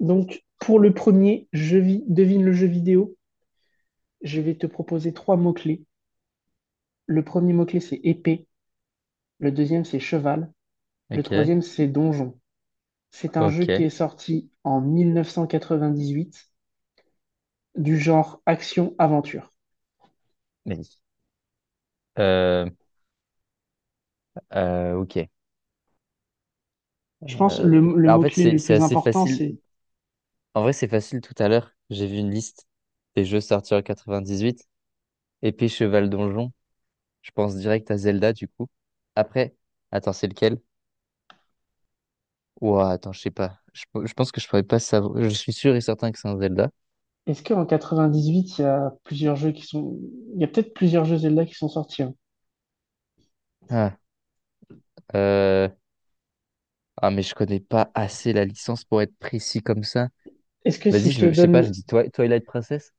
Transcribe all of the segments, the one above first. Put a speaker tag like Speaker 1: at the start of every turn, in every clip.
Speaker 1: Donc, pour le premier, devine le jeu vidéo, je vais te proposer trois mots-clés. Le premier mot-clé, c'est épée. Le deuxième, c'est cheval. Le
Speaker 2: Ok,
Speaker 1: troisième, c'est donjon. C'est un jeu
Speaker 2: ok.
Speaker 1: qui est sorti en 1998 du genre action-aventure.
Speaker 2: Mais, euh, ok.
Speaker 1: Je pense que
Speaker 2: Euh,
Speaker 1: le
Speaker 2: bah, en fait,
Speaker 1: mot-clé
Speaker 2: c'est
Speaker 1: le
Speaker 2: c'est
Speaker 1: plus
Speaker 2: assez
Speaker 1: important,
Speaker 2: facile.
Speaker 1: c'est
Speaker 2: En vrai, c'est facile tout à l'heure. J'ai vu une liste des jeux sortis en 98. Épée, cheval, donjon. Je pense direct à Zelda, du coup. Après, attends, c'est lequel? Ouah, attends, je sais pas. Je pense que je pourrais pas savoir. Je suis sûr et certain que c'est un Zelda.
Speaker 1: est-ce qu'en 98, il y a plusieurs jeux qui sont. Il y a peut-être plusieurs jeux Zelda qui sont sortis, hein.
Speaker 2: Ah, euh... ah, mais je connais pas assez la licence pour être précis comme ça.
Speaker 1: Est-ce que si
Speaker 2: Vas-y,
Speaker 1: je te
Speaker 2: je sais pas,
Speaker 1: donne.
Speaker 2: je dis Twilight Princess.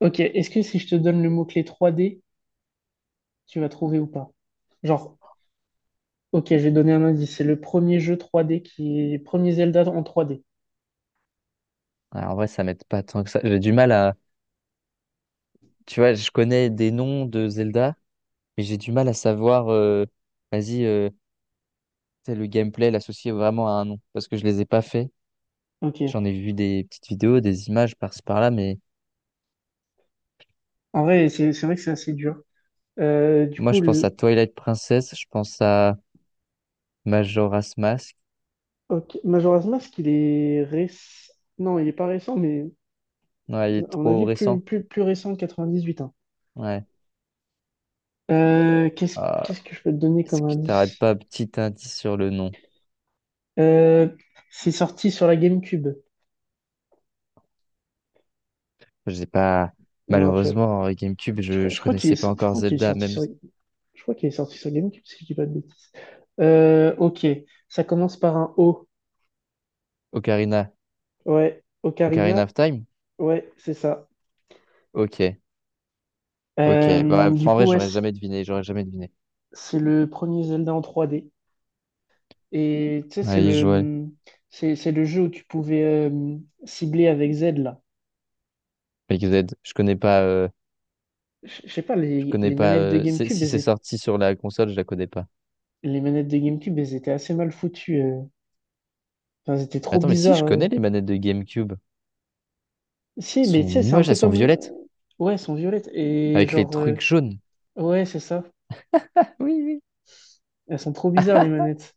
Speaker 1: Ok, est-ce que si je te donne le mot-clé 3D, tu vas trouver ou pas? Genre Ok, je vais donner un indice. C'est le premier jeu 3D qui est. Premier Zelda en 3D.
Speaker 2: Ah, en vrai, ça m'aide pas tant que ça. J'ai du mal à, tu vois, je connais des noms de Zelda, mais j'ai du mal à savoir, vas-y, tu le gameplay, l'associer vraiment à un nom, parce que je les ai pas faits.
Speaker 1: Ok.
Speaker 2: J'en ai vu des petites vidéos, des images par-ci par-là, mais
Speaker 1: En vrai, c'est vrai que c'est assez dur. Euh, du
Speaker 2: moi,
Speaker 1: coup,
Speaker 2: je pense à
Speaker 1: le.
Speaker 2: Twilight Princess, je pense à Majora's Mask.
Speaker 1: Ok, Majora's Mask. Non, il est pas récent, mais
Speaker 2: Ouais, il est
Speaker 1: à mon
Speaker 2: trop
Speaker 1: avis, plus,
Speaker 2: récent.
Speaker 1: plus, plus récent que 98, hein.
Speaker 2: Ouais.
Speaker 1: Euh, qu'est-ce,
Speaker 2: Ah,
Speaker 1: Qu'est-ce que je peux te donner
Speaker 2: est-ce
Speaker 1: comme
Speaker 2: que t'aurais
Speaker 1: indice?
Speaker 2: pas un petit indice sur le nom?
Speaker 1: Euh, c'est sorti sur la GameCube.
Speaker 2: Je sais pas.
Speaker 1: Non, tu vois.
Speaker 2: Malheureusement, en GameCube,
Speaker 1: Je,
Speaker 2: je,
Speaker 1: crois je
Speaker 2: je
Speaker 1: crois qu'il
Speaker 2: connaissais pas
Speaker 1: est, je
Speaker 2: encore
Speaker 1: crois qu'il est
Speaker 2: Zelda,
Speaker 1: sorti
Speaker 2: même
Speaker 1: sur, je crois qu'il est sorti sur GameCube, si je dis pas de bêtises. Ok. Ça commence par un O.
Speaker 2: Ocarina,
Speaker 1: Ouais.
Speaker 2: Ocarina
Speaker 1: Ocarina.
Speaker 2: of Time.
Speaker 1: Ouais, c'est ça.
Speaker 2: Ok, ok. Bah,
Speaker 1: Du
Speaker 2: enfin, en
Speaker 1: coup,
Speaker 2: vrai,
Speaker 1: ouais,
Speaker 2: j'aurais jamais deviné, j'aurais jamais deviné.
Speaker 1: c'est le premier Zelda en 3D. Et tu sais,
Speaker 2: Ouais, Joël,
Speaker 1: c'est le jeu où tu pouvais cibler avec Z, là.
Speaker 2: XZ. Je connais pas. euh,
Speaker 1: Je sais pas,
Speaker 2: je
Speaker 1: les,
Speaker 2: connais
Speaker 1: les
Speaker 2: pas.
Speaker 1: manettes de
Speaker 2: euh, c'est-
Speaker 1: GameCube,
Speaker 2: si c'est sorti sur la console, je la connais pas.
Speaker 1: les manettes de GameCube, elles étaient assez mal foutues. Enfin, elles étaient trop
Speaker 2: Attends, mais si
Speaker 1: bizarres.
Speaker 2: je connais les manettes de GameCube. Elles
Speaker 1: Si, mais
Speaker 2: sont
Speaker 1: tu sais, c'est un
Speaker 2: moches,
Speaker 1: peu
Speaker 2: elles sont
Speaker 1: comme.
Speaker 2: violettes,
Speaker 1: Ouais, elles sont violettes. Et
Speaker 2: avec les
Speaker 1: genre... euh,
Speaker 2: trucs jaunes.
Speaker 1: Ouais, c'est ça.
Speaker 2: Oui, oui.
Speaker 1: Elles sont trop bizarres, les manettes.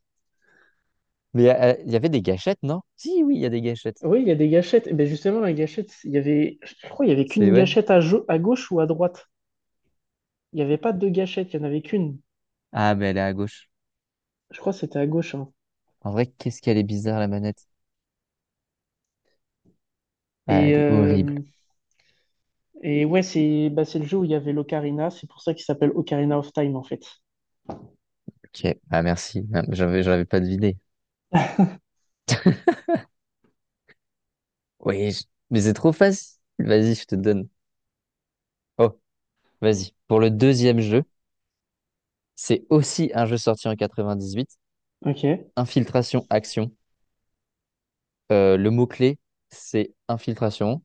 Speaker 2: Mais il y avait des gâchettes, non? Si, oui, il y a des gâchettes.
Speaker 1: Oui, il y a des gâchettes. Et ben justement, la gâchette, il y avait. Je crois qu'il y avait qu'une
Speaker 2: C'est ouais.
Speaker 1: gâchette à, à gauche ou à droite. Il n'y avait pas deux gâchettes, il n'y en avait qu'une.
Speaker 2: Ah, mais elle est à gauche.
Speaker 1: Je crois que c'était à gauche, hein.
Speaker 2: En vrai, qu'est-ce qu'elle est bizarre la manette. Ah,
Speaker 1: Et,
Speaker 2: elle est
Speaker 1: euh,
Speaker 2: horrible.
Speaker 1: et ouais, c'est bah, c'est le jeu où il y avait l'Ocarina. C'est pour ça qu'il s'appelle Ocarina of Time, en fait.
Speaker 2: Ok. Ah, merci. Ah, j'avais pas deviné. Oui, mais c'est trop facile. Vas-y, je te donne. Oh, vas-y. Pour le deuxième jeu, c'est aussi un jeu sorti en 98.
Speaker 1: Ok. Ouais,
Speaker 2: Infiltration, action. Le mot-clé, c'est infiltration,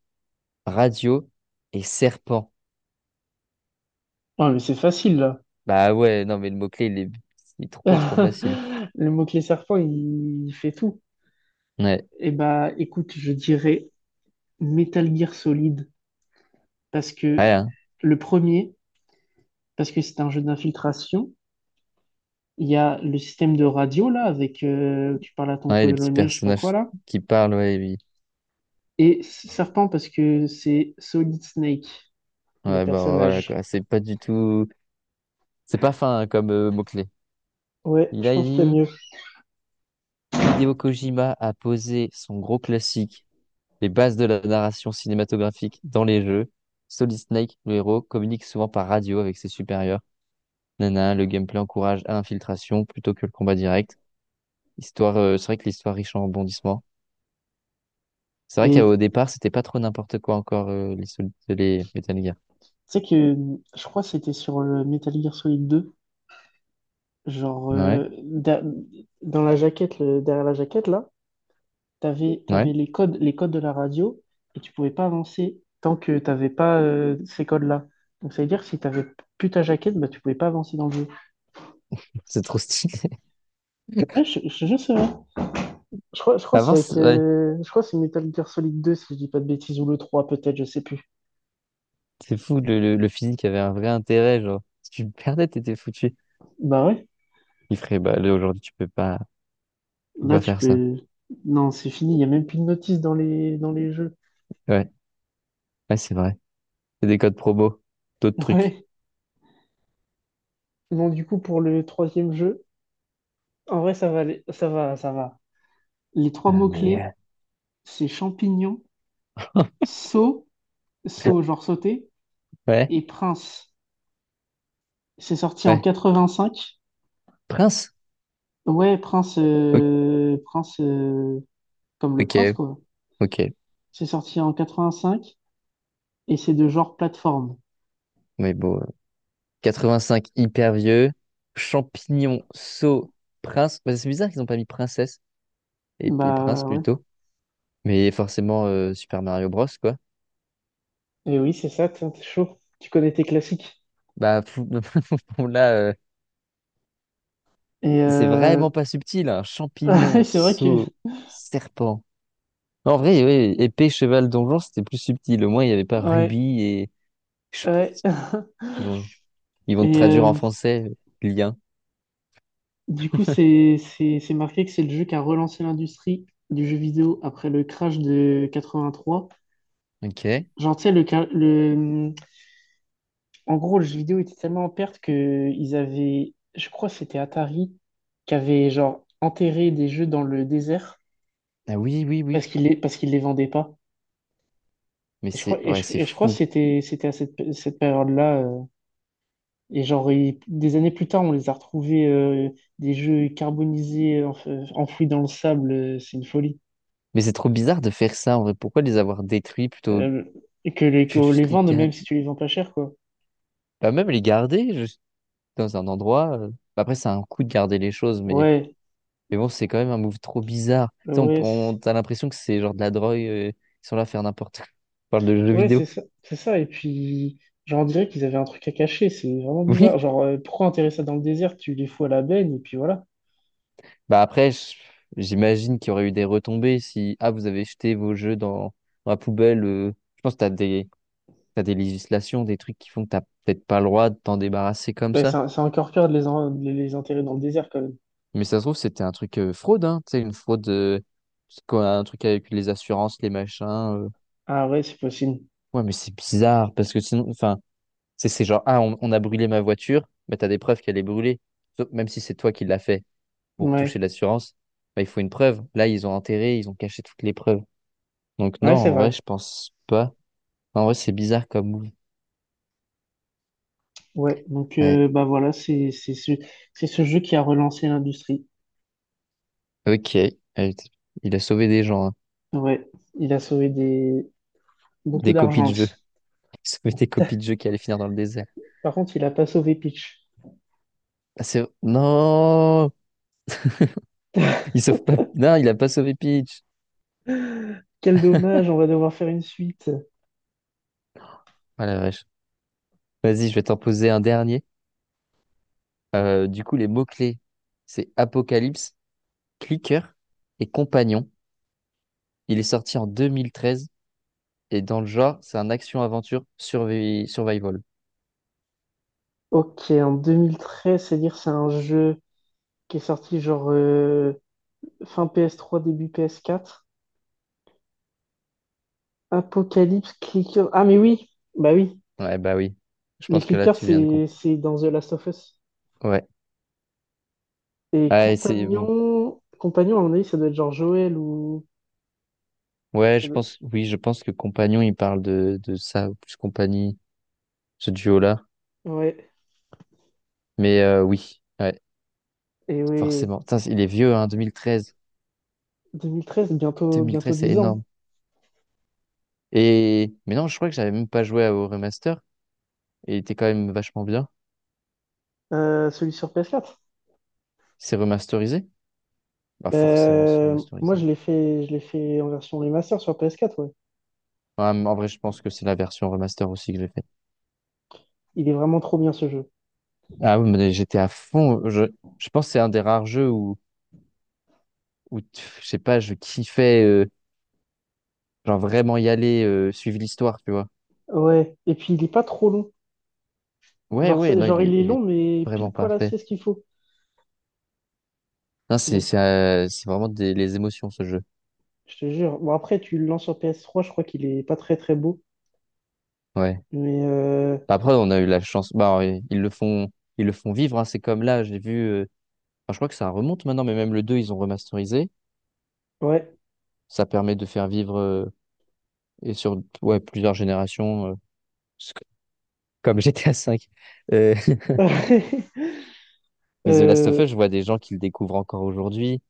Speaker 2: radio et serpent.
Speaker 1: mais c'est facile, là.
Speaker 2: Bah ouais, non, mais le mot-clé, il est trop, trop facile.
Speaker 1: Le mot-clé serpent, il fait tout.
Speaker 2: Ouais,
Speaker 1: Et bah, écoute, je dirais Metal Gear Solid. Parce que
Speaker 2: ouais, hein.
Speaker 1: le premier, parce que c'est un jeu d'infiltration, il y a le système de radio, là, avec... tu parles à ton
Speaker 2: Ouais, les petits
Speaker 1: colonel, je sais pas quoi,
Speaker 2: personnages
Speaker 1: là.
Speaker 2: qui parlent, ouais, oui.
Speaker 1: Et serpent, parce que c'est Solid Snake. Les
Speaker 2: Ouais, bon, voilà,
Speaker 1: personnages.
Speaker 2: quoi. C'est pas du tout. C'est pas fin hein, comme mot-clé.
Speaker 1: Ouais,
Speaker 2: Il
Speaker 1: je
Speaker 2: a
Speaker 1: pense qu'il y a
Speaker 2: dit,
Speaker 1: mieux.
Speaker 2: Hideo Kojima a posé son gros classique, les bases de la narration cinématographique dans les jeux. Solid Snake, le héros, communique souvent par radio avec ses supérieurs. Nana, le gameplay encourage à l'infiltration plutôt que le combat direct. Histoire, c'est vrai que l'histoire riche en rebondissements. C'est vrai
Speaker 1: Et tu
Speaker 2: qu'au départ, c'était pas trop n'importe quoi encore les Metal Gear.
Speaker 1: sais que je crois que c'était sur le Metal Gear Solid 2 genre
Speaker 2: Ouais,
Speaker 1: dans la jaquette, derrière la jaquette là, t'avais
Speaker 2: ouais.
Speaker 1: t'avais les codes de la radio et tu pouvais pas avancer tant que t'avais pas ces codes-là. Donc ça veut dire que si t'avais plus ta jaquette, bah tu pouvais pas avancer dans le jeu.
Speaker 2: C'est trop stylé.
Speaker 1: Ouais, je sais pas.
Speaker 2: Avant, c'est ouais,
Speaker 1: Je crois que c'est Metal Gear Solid 2 si je dis pas de bêtises ou le 3 peut-être, je sais plus.
Speaker 2: c'est fou, le physique avait un vrai intérêt, genre, si tu le perdais, t'étais foutu.
Speaker 1: Bah ouais.
Speaker 2: Il ferait, bah là, aujourd'hui, tu peux pas, tu peux
Speaker 1: Là,
Speaker 2: pas
Speaker 1: tu
Speaker 2: faire ça.
Speaker 1: peux. Non, c'est fini, il n'y a même plus de notice dans les jeux.
Speaker 2: Ouais, ouais, c'est vrai. C'est des codes promo, d'autres trucs.
Speaker 1: Ouais. Bon, du coup, pour le troisième jeu, en vrai, ça va, ça va. Les trois mots-clés,
Speaker 2: Mais,
Speaker 1: c'est champignon,
Speaker 2: euh,
Speaker 1: saut, saut, genre sauter,
Speaker 2: ouais,
Speaker 1: et prince. C'est sorti en
Speaker 2: ouais.
Speaker 1: 85.
Speaker 2: Prince?
Speaker 1: Ouais, prince,
Speaker 2: Ok,
Speaker 1: prince, comme le
Speaker 2: ok,
Speaker 1: prince, quoi.
Speaker 2: ok.
Speaker 1: C'est sorti en 85 et c'est de genre plateforme.
Speaker 2: Mais bon. 85 hyper vieux. Champignon, sceau, prince. Bah, c'est bizarre qu'ils n'ont pas mis princesse et, prince
Speaker 1: Bah ouais.
Speaker 2: plutôt. Mais forcément, Super Mario Bros, quoi.
Speaker 1: Et oui, c'est ça, t'es chaud. Tu connais tes classiques.
Speaker 2: Bah, bon, là,
Speaker 1: Et
Speaker 2: c'est
Speaker 1: euh,
Speaker 2: vraiment pas subtil. Hein. Champignon,
Speaker 1: c'est vrai que.
Speaker 2: sceau, serpent. En vrai, oui, épée, cheval, donjon, c'était plus subtil. Au moins, il n'y avait pas
Speaker 1: Ouais,
Speaker 2: rubis et.
Speaker 1: ouais.
Speaker 2: Ils vont, ils vont te
Speaker 1: Et
Speaker 2: traduire en
Speaker 1: euh,
Speaker 2: français, lien.
Speaker 1: du coup, c'est marqué que c'est le jeu qui a relancé l'industrie du jeu vidéo après le crash de 83.
Speaker 2: Ok.
Speaker 1: Genre, tu sais, en gros, le jeu vidéo était tellement en perte que ils avaient, je crois que c'était Atari, qui avait genre enterré des jeux dans le désert
Speaker 2: Ah oui, oui, oui.
Speaker 1: parce qu'ils les vendaient pas.
Speaker 2: Mais
Speaker 1: Et je crois,
Speaker 2: c'est
Speaker 1: et
Speaker 2: ouais,
Speaker 1: je,
Speaker 2: c'est
Speaker 1: et je crois que
Speaker 2: fou.
Speaker 1: c'était à cette période-là. Et genre, des années plus tard, on les a retrouvés des jeux carbonisés enfouis dans le sable. C'est une folie.
Speaker 2: Mais c'est trop bizarre de faire ça en vrai. Pourquoi les avoir détruits plutôt?
Speaker 1: Euh, et que les,
Speaker 2: Je vais
Speaker 1: que les
Speaker 2: juste les
Speaker 1: vendre, même
Speaker 2: garder.
Speaker 1: si tu les vends pas cher, quoi.
Speaker 2: Bah, même les garder juste dans un endroit. Bah, après, c'est un coup de garder les choses, mais,
Speaker 1: Ouais,
Speaker 2: mais bon, c'est quand même un move trop bizarre. Tu sais,
Speaker 1: ouais,
Speaker 2: t'as l'impression que c'est genre de la drogue. Ils sont là à faire n'importe quoi. On parle de jeux
Speaker 1: ouais,
Speaker 2: vidéo.
Speaker 1: c'est ça, c'est ça. Et puis, genre, on dirait qu'ils avaient un truc à cacher. C'est vraiment bizarre.
Speaker 2: Oui.
Speaker 1: Genre, pourquoi enterrer ça dans le désert? Tu les fous à la benne et puis voilà.
Speaker 2: Bah après, j'imagine qu'il y aurait eu des retombées si ah vous avez jeté vos jeux dans, la poubelle. Je pense que t'as des législations, des trucs qui font que t'as peut-être pas le droit de t'en débarrasser comme
Speaker 1: Ouais,
Speaker 2: ça.
Speaker 1: c'est encore pire de de les enterrer dans le désert quand même.
Speaker 2: Mais ça se trouve, c'était un truc fraude, hein, tu sais, une fraude, c'est quoi, un truc avec les assurances, les machins.
Speaker 1: Ah ouais, c'est possible.
Speaker 2: Ouais, mais c'est bizarre, parce que sinon, enfin, c'est genre, ah, on a brûlé ma voiture, mais t'as des preuves qu'elle est brûlée. Même si c'est toi qui l'as fait pour toucher
Speaker 1: Ouais,
Speaker 2: l'assurance, bah, il faut une preuve. Là, ils ont enterré, ils ont caché toutes les preuves. Donc non,
Speaker 1: ouais, c'est
Speaker 2: en vrai,
Speaker 1: vrai.
Speaker 2: je pense pas. Enfin, en vrai, c'est bizarre comme move.
Speaker 1: Ouais, donc
Speaker 2: Ouais.
Speaker 1: bah voilà, c'est ce jeu qui a relancé l'industrie.
Speaker 2: Ok. Il a sauvé des gens, hein.
Speaker 1: Ouais, il a sauvé des beaucoup
Speaker 2: Des copies
Speaker 1: d'argent
Speaker 2: de jeux.
Speaker 1: aussi.
Speaker 2: Il a sauvé des copies de jeux qui allaient finir dans le désert.
Speaker 1: Par contre, il a pas sauvé Peach.
Speaker 2: Ah, c'est... Non! Il sauve pas. Non, il a pas sauvé Peach.
Speaker 1: Quel dommage, on va devoir faire une suite.
Speaker 2: Ah la vache. Vas-y, je vais t'en poser un dernier. Du coup, les mots-clés, c'est Apocalypse, Clicker et Compagnon. Il est sorti en 2013 et dans le genre, c'est un action-aventure survival.
Speaker 1: Ok, en 2013, c'est-à-dire c'est un jeu qui est sorti genre fin PS3, début PS4. Apocalypse Clicker. Ah mais oui, bah oui,
Speaker 2: Ouais, bah oui. Je
Speaker 1: les
Speaker 2: pense que là,
Speaker 1: clickers
Speaker 2: tu viens de
Speaker 1: c'est
Speaker 2: comprendre.
Speaker 1: c'est dans The Last of Us.
Speaker 2: Ouais.
Speaker 1: Et
Speaker 2: Ah, et c'est bon.
Speaker 1: compagnon, à mon avis, ça doit être genre Joël ou
Speaker 2: Ouais,
Speaker 1: ça
Speaker 2: je
Speaker 1: doit-
Speaker 2: pense. Oui, je pense que Compagnon, il parle de ça, ou plus Compagnie, ce duo-là.
Speaker 1: ouais.
Speaker 2: Mais oui, ouais,
Speaker 1: Et oui.
Speaker 2: forcément. Putain, il est vieux, hein, 2013.
Speaker 1: 2013, bientôt, bientôt
Speaker 2: 2013, c'est
Speaker 1: 10 ans.
Speaker 2: énorme. Et mais non, je crois que j'avais même pas joué au remaster et il était quand même vachement bien.
Speaker 1: Celui sur PS4.
Speaker 2: C'est remasterisé? Bah forcément, c'est
Speaker 1: Ben, moi,
Speaker 2: remasterisé.
Speaker 1: je l'ai fait en version remaster sur PS4, ouais.
Speaker 2: Ouais, en vrai, je pense que c'est la version remaster aussi que j'ai faite.
Speaker 1: Il est vraiment trop bien ce jeu.
Speaker 2: Ah oui, mais j'étais à fond. Je pense que c'est un des rares jeux où, je sais pas, je kiffais genre vraiment y aller, suivre l'histoire, tu vois.
Speaker 1: Ouais. Et puis, il est pas trop long.
Speaker 2: Ouais,
Speaker 1: Genre,
Speaker 2: ouais,
Speaker 1: c'est-
Speaker 2: non,
Speaker 1: genre
Speaker 2: il
Speaker 1: il
Speaker 2: est,
Speaker 1: est
Speaker 2: il
Speaker 1: long,
Speaker 2: est
Speaker 1: mais pile
Speaker 2: vraiment
Speaker 1: poil
Speaker 2: parfait.
Speaker 1: assez ce qu'il faut.
Speaker 2: Non,
Speaker 1: Donc,
Speaker 2: c'est vraiment des les émotions ce jeu.
Speaker 1: je te jure. Bon, après, tu le lances sur PS3, je crois qu'il est pas très très beau.
Speaker 2: Ouais.
Speaker 1: Mais,
Speaker 2: Après, on a eu la chance. Bah, ouais, ils le font vivre. Hein. C'est comme là, j'ai vu. Enfin, je crois que ça remonte maintenant, mais même le 2 ils ont remasterisé.
Speaker 1: ouais.
Speaker 2: Ça permet de faire vivre et sur ouais, plusieurs générations, c- comme GTA 5. Mais The Last of
Speaker 1: Euh,
Speaker 2: Us, je vois des gens qui le découvrent encore aujourd'hui.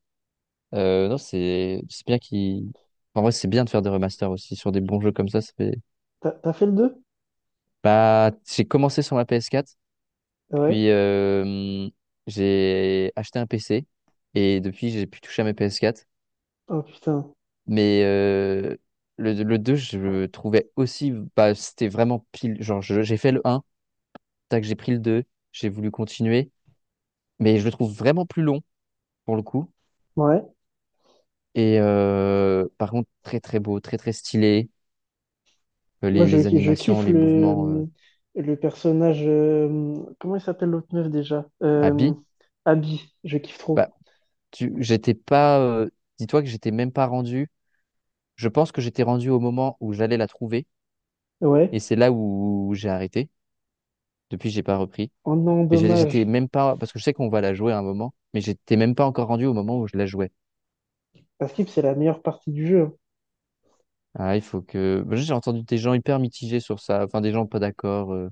Speaker 2: Non, c'est bien qu'ils. En vrai, c'est bien de faire des remasters aussi sur des bons jeux comme ça. Ça fait.
Speaker 1: t'as fait le deux.
Speaker 2: Bah, j'ai commencé sur ma PS4,
Speaker 1: Ouais.
Speaker 2: puis j'ai acheté un PC et depuis, j'ai pu toucher à mes PS4.
Speaker 1: Oh putain.
Speaker 2: Mais le 2 je le trouvais aussi, bah, c'était vraiment pile. Genre, j'ai fait le un tac, j'ai pris le 2 j'ai voulu continuer, mais je le trouve vraiment plus long pour le coup.
Speaker 1: Ouais.
Speaker 2: Et par contre, très très beau, très très stylé. Euh,
Speaker 1: Moi,
Speaker 2: Les,
Speaker 1: je,
Speaker 2: les
Speaker 1: je
Speaker 2: animations,
Speaker 1: kiffe
Speaker 2: les mouvements
Speaker 1: le personnage, comment il s'appelle l'autre meuf déjà?
Speaker 2: à billes.
Speaker 1: Abby, je kiffe trop.
Speaker 2: Bah, j'étais pas, dis-toi que j'étais même pas rendu. Je pense que j'étais rendu au moment où j'allais la trouver,
Speaker 1: Ouais.
Speaker 2: et c'est là où j'ai arrêté. Depuis, j'ai pas repris.
Speaker 1: Oh non,
Speaker 2: Mais j'étais
Speaker 1: dommage.
Speaker 2: même pas, parce que je sais qu'on va la jouer à un moment, mais j'étais même pas encore rendu au moment où je la jouais.
Speaker 1: Parce que c'est la meilleure partie du jeu, hein.
Speaker 2: Ah, il faut que, bah, j'ai entendu des gens hyper mitigés sur ça, enfin des gens pas d'accord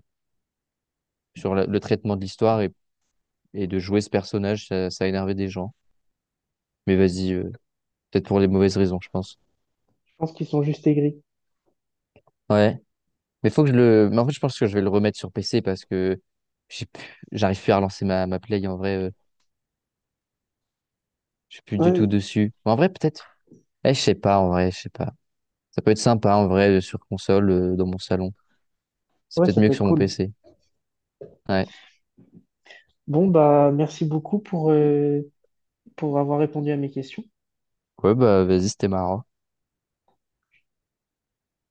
Speaker 2: sur le traitement de l'histoire et, de jouer ce personnage, ça a énervé des gens. Mais vas-y, peut-être pour les mauvaises raisons, je pense.
Speaker 1: Je pense qu'ils sont juste aigris.
Speaker 2: Ouais. Mais faut que je le, mais en fait, je pense que je vais le remettre sur PC parce que j'arrive plus à relancer ma play en vrai, je suis plus du tout
Speaker 1: Ouais,
Speaker 2: dessus. Mais en vrai, peut-être, eh, je sais pas, en vrai, je sais pas. Ça peut être sympa en vrai sur console, dans mon salon. C'est
Speaker 1: ouais,
Speaker 2: peut-être
Speaker 1: ça
Speaker 2: mieux
Speaker 1: peut
Speaker 2: que
Speaker 1: être
Speaker 2: sur mon
Speaker 1: cool.
Speaker 2: PC. Ouais.
Speaker 1: Bon, bah, merci beaucoup pour avoir répondu à mes questions.
Speaker 2: Ouais, bah, vas-y, c'était marrant.